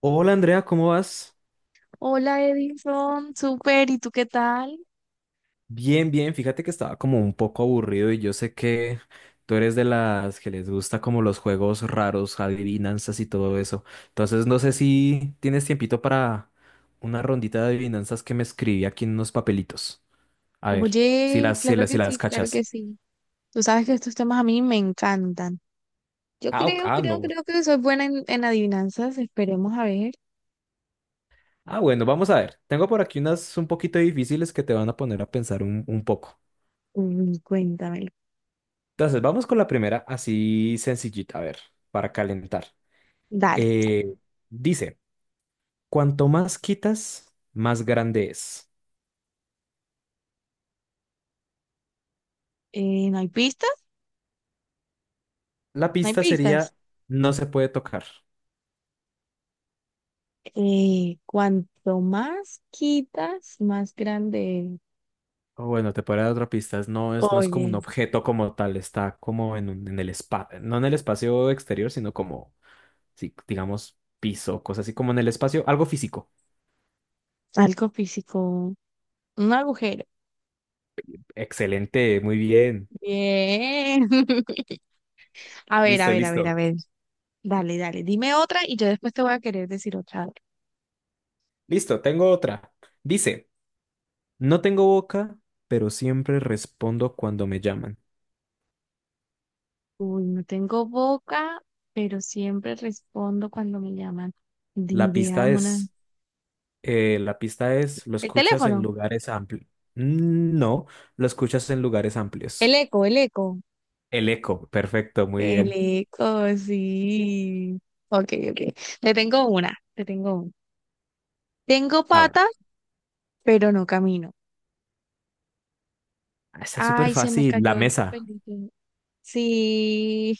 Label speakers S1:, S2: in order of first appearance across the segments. S1: Hola Andrea, ¿cómo vas?
S2: Hola Edison, súper, ¿y tú qué tal?
S1: Bien, bien. Fíjate que estaba como un poco aburrido y yo sé que tú eres de las que les gusta como los juegos raros, adivinanzas y todo eso. Entonces no sé si tienes tiempito para una rondita de adivinanzas que me escribí aquí en unos papelitos. A ver, si
S2: Oye,
S1: las, si
S2: claro
S1: las,
S2: que
S1: si las
S2: sí, claro que
S1: cachas.
S2: sí. Tú sabes que estos temas a mí me encantan. Yo
S1: Ah, ok,
S2: creo,
S1: ah,
S2: creo,
S1: no.
S2: creo que soy buena en adivinanzas. Esperemos a ver.
S1: Ah, bueno, vamos a ver. Tengo por aquí unas un poquito difíciles que te van a poner a pensar un poco.
S2: Uy, cuéntamelo.
S1: Entonces, vamos con la primera así sencillita, a ver, para calentar.
S2: Dale.
S1: Eh, dice, cuanto más quitas, más grande es.
S2: ¿No hay pistas?
S1: La
S2: No hay
S1: pista
S2: pistas.
S1: sería, no se puede tocar.
S2: Cuanto más quitas, más grande es.
S1: O bueno, te podría dar otra pista. Es No es, no es como un
S2: Oye,
S1: objeto como tal, está como en, en el espacio, no en el espacio exterior, sino como, sí, digamos, piso, cosas así como en el espacio, algo físico.
S2: algo físico. Un agujero.
S1: Excelente, muy bien.
S2: Bien. A ver, a
S1: Listo,
S2: ver, a ver, a
S1: listo.
S2: ver. Dale, dale, dime otra y yo después te voy a querer decir otra.
S1: Listo, tengo otra. Dice, no tengo boca, pero siempre respondo cuando me llaman.
S2: Uy, no tengo boca, pero siempre respondo cuando me llaman. Ni
S1: La
S2: idea,
S1: pista
S2: mona.
S1: es... la pista es, lo
S2: El
S1: escuchas en
S2: teléfono,
S1: lugares amplios. No, lo escuchas en lugares
S2: el
S1: amplios.
S2: eco, el eco.
S1: El eco, perfecto, muy
S2: El
S1: bien.
S2: eco, sí. Ok, ok. Te tengo una, te tengo una. Tengo
S1: A ver,
S2: patas, pero no camino.
S1: está súper
S2: Ay, se me
S1: fácil. La
S2: cayó el
S1: mesa.
S2: papelito. Sí,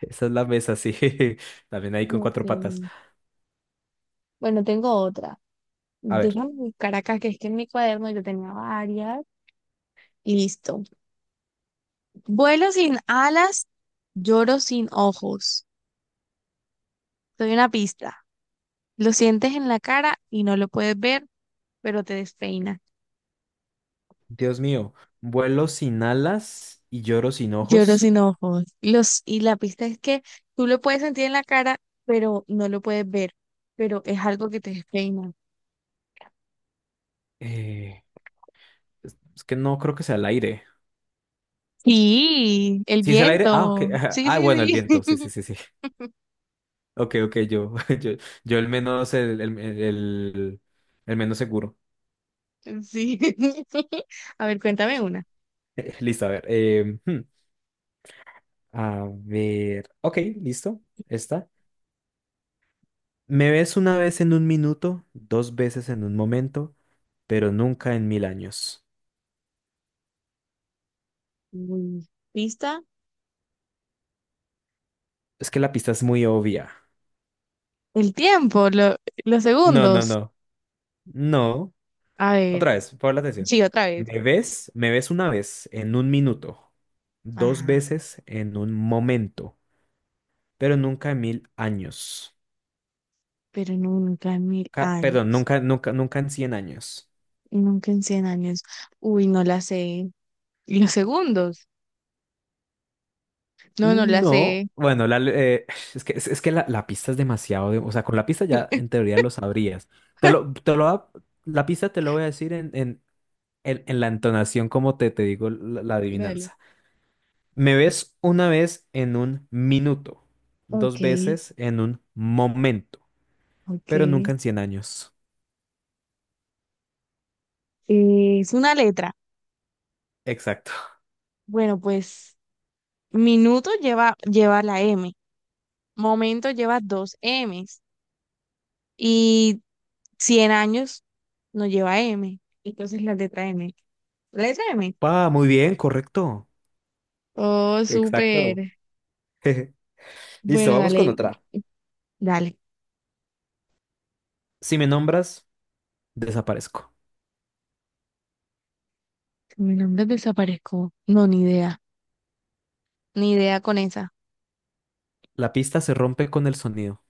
S1: Esa es la mesa, sí. También ahí con
S2: ok.
S1: cuatro patas.
S2: Bueno, tengo otra.
S1: A ver,
S2: Déjame buscar acá, que es que en mi cuaderno yo tenía varias. Y listo. Vuelo sin alas, lloro sin ojos. Te doy una pista. Lo sientes en la cara y no lo puedes ver, pero te despeina.
S1: Dios mío, vuelo sin alas y lloro sin
S2: Lloro
S1: ojos.
S2: sin ojos. Y la pista es que tú lo puedes sentir en la cara, pero no lo puedes ver, pero es algo que te despeina.
S1: Eh, es que no creo que sea el aire.
S2: Sí, el
S1: ¿Sí es el aire? Ah, ok.
S2: viento. Sí,
S1: Ah, bueno, el
S2: sí, sí.
S1: viento. Sí, sí, sí, sí. Ok, ok, yo, yo el menos, el menos seguro.
S2: Sí. A ver, cuéntame una.
S1: Listo, a ver. A ver. Ok, listo. Está. Me ves una vez en un minuto, dos veces en un momento, pero nunca en mil años.
S2: Uy, pista.
S1: Es que la pista es muy obvia.
S2: El tiempo, los
S1: No, no,
S2: segundos.
S1: no. No.
S2: A ver,
S1: Otra vez, por la atención.
S2: sí, otra vez.
S1: Me ves una vez en un minuto, dos
S2: Ajá.
S1: veces en un momento, pero nunca en mil años.
S2: Pero nunca en mil
S1: Perdón,
S2: años,
S1: nunca en cien años.
S2: nunca en 100 años. Uy, no la sé. ¿Y los segundos? No, no la
S1: No,
S2: sé.
S1: bueno, la eh, es que la pista es demasiado, o sea, con la pista ya en teoría lo sabrías. Te lo, te lo, va- la pista te lo voy a decir en la entonación como te digo la
S2: Dale.
S1: adivinanza. Me ves una vez en un minuto, dos
S2: Ok,
S1: veces en un momento, pero
S2: ok.
S1: nunca en cien años.
S2: Es una letra.
S1: Exacto.
S2: Bueno, pues minuto lleva la M, momento lleva dos Ms y 100 años no lleva M. Entonces la letra M. ¿La ¿Letra M?
S1: Ah, muy bien, correcto.
S2: Oh,
S1: Exacto.
S2: súper.
S1: Listo,
S2: Bueno,
S1: vamos con
S2: dale,
S1: otra.
S2: dale.
S1: Si me nombras, desaparezco.
S2: Mi nombre desapareció. No, ni idea. Ni idea con esa.
S1: La pista se rompe con el sonido.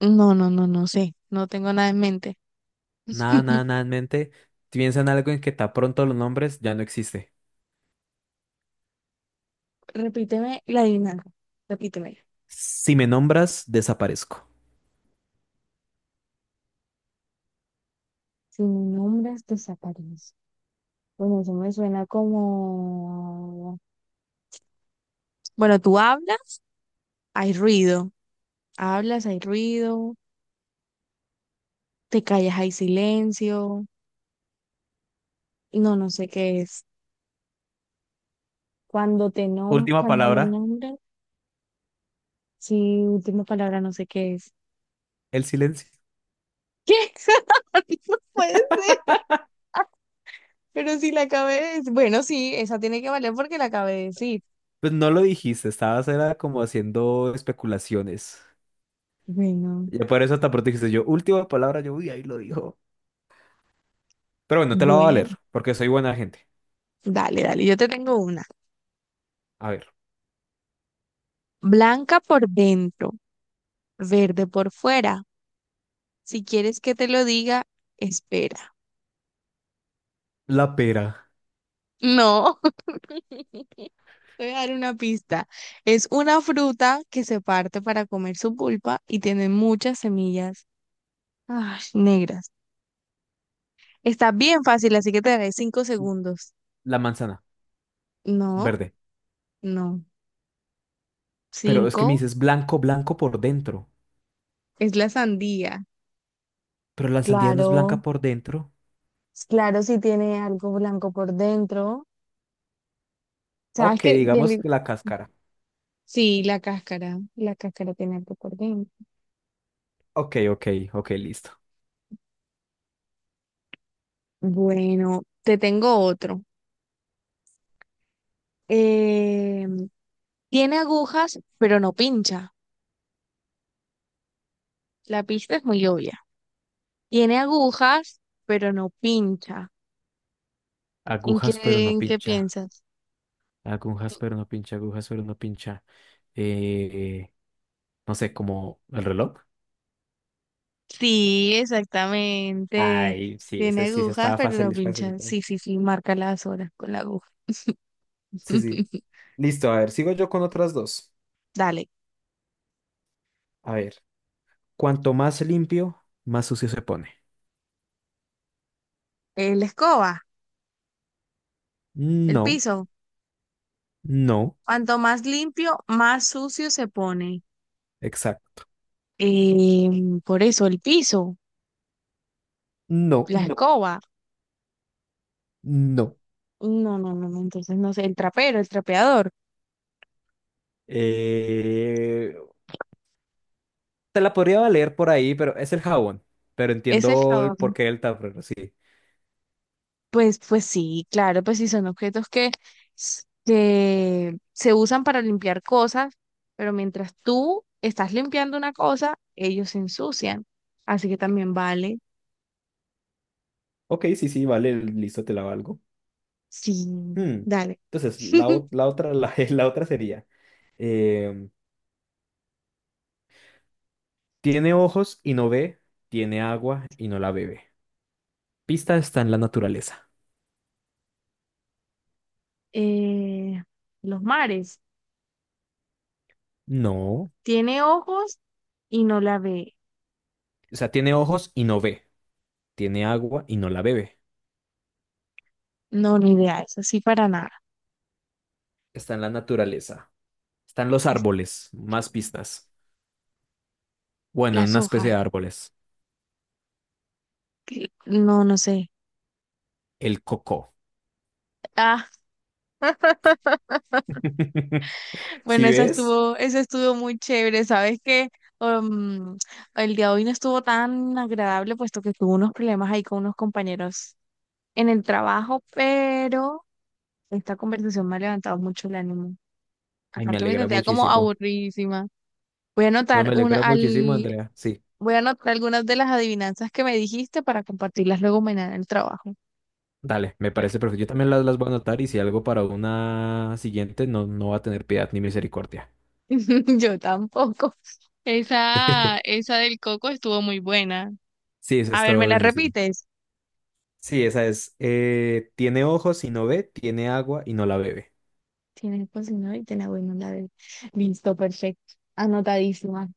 S2: No, no, no, no sé. No tengo nada en mente.
S1: Nada, nada, nada en mente. Piensa en algo en que tan pronto los nombres ya no existe.
S2: Repíteme la adivinanza. Repíteme.
S1: Si me nombras, desaparezco.
S2: Sin nombres desaparece. Bueno, eso me suena como... Bueno, tú hablas, hay ruido. Hablas, hay ruido. Te callas, hay silencio. No, no sé qué es. Cuando te nom
S1: Última
S2: cuando me
S1: palabra,
S2: nombras, sí, última palabra, no sé qué es.
S1: el silencio.
S2: ¿Qué? No puede ser. Pero si la acabé de decir. Bueno, sí, esa tiene que valer porque la acabé de decir.
S1: Pues no lo dijiste, estabas era como haciendo especulaciones.
S2: Bueno,
S1: Y por eso tan pronto dijiste yo, última palabra, yo, uy, ahí lo dijo. Pero bueno, te la voy a
S2: bueno,
S1: valer, porque soy buena gente.
S2: dale, dale, yo te tengo una.
S1: A ver,
S2: Blanca por dentro, verde por fuera. Si quieres que te lo diga, espera.
S1: la pera,
S2: No, te voy a dar una pista. Es una fruta que se parte para comer su pulpa y tiene muchas semillas ay, negras. Está bien fácil, así que te daré 5 segundos.
S1: la manzana,
S2: No,
S1: verde.
S2: no,
S1: Pero es que me
S2: cinco
S1: dices blanco, blanco por dentro.
S2: es la sandía.
S1: Pero la sandía no es
S2: Claro,
S1: blanca por dentro.
S2: claro, si tiene algo blanco por dentro. Sabes
S1: Ok,
S2: que
S1: digamos que la cáscara.
S2: sí, la cáscara tiene algo por dentro.
S1: Ok, ok, ok, listo.
S2: Bueno, te tengo otro. Eh, Tiene agujas, pero no pincha. La pista es muy obvia. Tiene agujas, pero no pincha. ¿En qué,
S1: Agujas pero no
S2: en qué
S1: pincha.
S2: piensas?
S1: Agujas pero no pincha. Agujas pero no pincha. Eh, no sé, como el reloj.
S2: Sí, exactamente.
S1: Ay, sí,
S2: Tiene
S1: ese sí se
S2: agujas,
S1: estaba
S2: pero no
S1: fácil, es
S2: pincha.
S1: facilita.
S2: Sí, sí, sí, marca las horas con la aguja.
S1: Sí, sí. Listo, a ver, sigo yo con otras dos.
S2: Dale.
S1: A ver, cuanto más limpio, más sucio se pone.
S2: La escoba, el
S1: No,
S2: piso.
S1: no,
S2: Cuanto más limpio, más sucio se pone.
S1: exacto.
S2: Por eso, el piso,
S1: No,
S2: la no. Escoba.
S1: no.
S2: No, no, no, no, entonces no sé, el trapero, el trapeador,
S1: eh, te la podría valer por ahí, pero es el jabón. Pero
S2: ese es el
S1: entiendo el
S2: jabón.
S1: porqué del tablero, sí.
S2: Pues, pues sí, claro, pues sí, son objetos que, que se usan para limpiar cosas, pero mientras tú estás limpiando una cosa, ellos se ensucian. Así que también vale,
S1: Ok, sí, sí, vale, listo, te la valgo.
S2: sí,
S1: Hmm.
S2: dale.
S1: Entonces, la otra, la otra sería, em, tiene ojos y no ve, tiene agua y no la bebe. Pista está en la naturaleza.
S2: Eh, los mares,
S1: No.
S2: tiene ojos y no la ve.
S1: O sea, tiene ojos y no ve, tiene agua y no la bebe.
S2: No, ni idea, eso sí, para nada.
S1: Está en la naturaleza. Están los
S2: Es-
S1: árboles, más pistas. Bueno, en
S2: Las
S1: una especie
S2: hojas.
S1: de árboles.
S2: No, no sé.
S1: El coco.
S2: Ah,
S1: ¿Sí
S2: bueno,
S1: ves?
S2: esa estuvo muy chévere. Sabes que el día de hoy no estuvo tan agradable, puesto que tuve unos problemas ahí con unos compañeros en el trabajo, pero esta conversación me ha levantado mucho el ánimo.
S1: Ay, me
S2: Aparte me
S1: alegra
S2: sentía como
S1: muchísimo.
S2: aburridísima. Voy a
S1: No,
S2: anotar
S1: me
S2: una
S1: alegra muchísimo,
S2: al,
S1: Andrea. Sí.
S2: voy a anotar algunas de las adivinanzas que me dijiste para compartirlas luego mañana en el trabajo.
S1: Dale, me parece perfecto. Yo también las voy a anotar y si algo para una siguiente, no, no va a tener piedad ni misericordia.
S2: Yo tampoco. Esa, esa del coco estuvo muy buena.
S1: Sí, eso
S2: A
S1: está
S2: ver, ¿me la
S1: buenísimo.
S2: repites?
S1: Sí, esa es. Tiene ojos y no ve, tiene agua y no la bebe.
S2: Tienes cocinado y te la voy a mandar. Listo, perfecto. Anotadísima.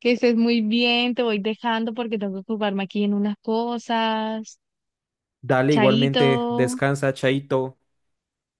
S2: Que estés muy bien, te voy dejando porque tengo que ocuparme aquí en unas cosas.
S1: Dale,
S2: Chaito.
S1: igualmente, descansa, Chaito.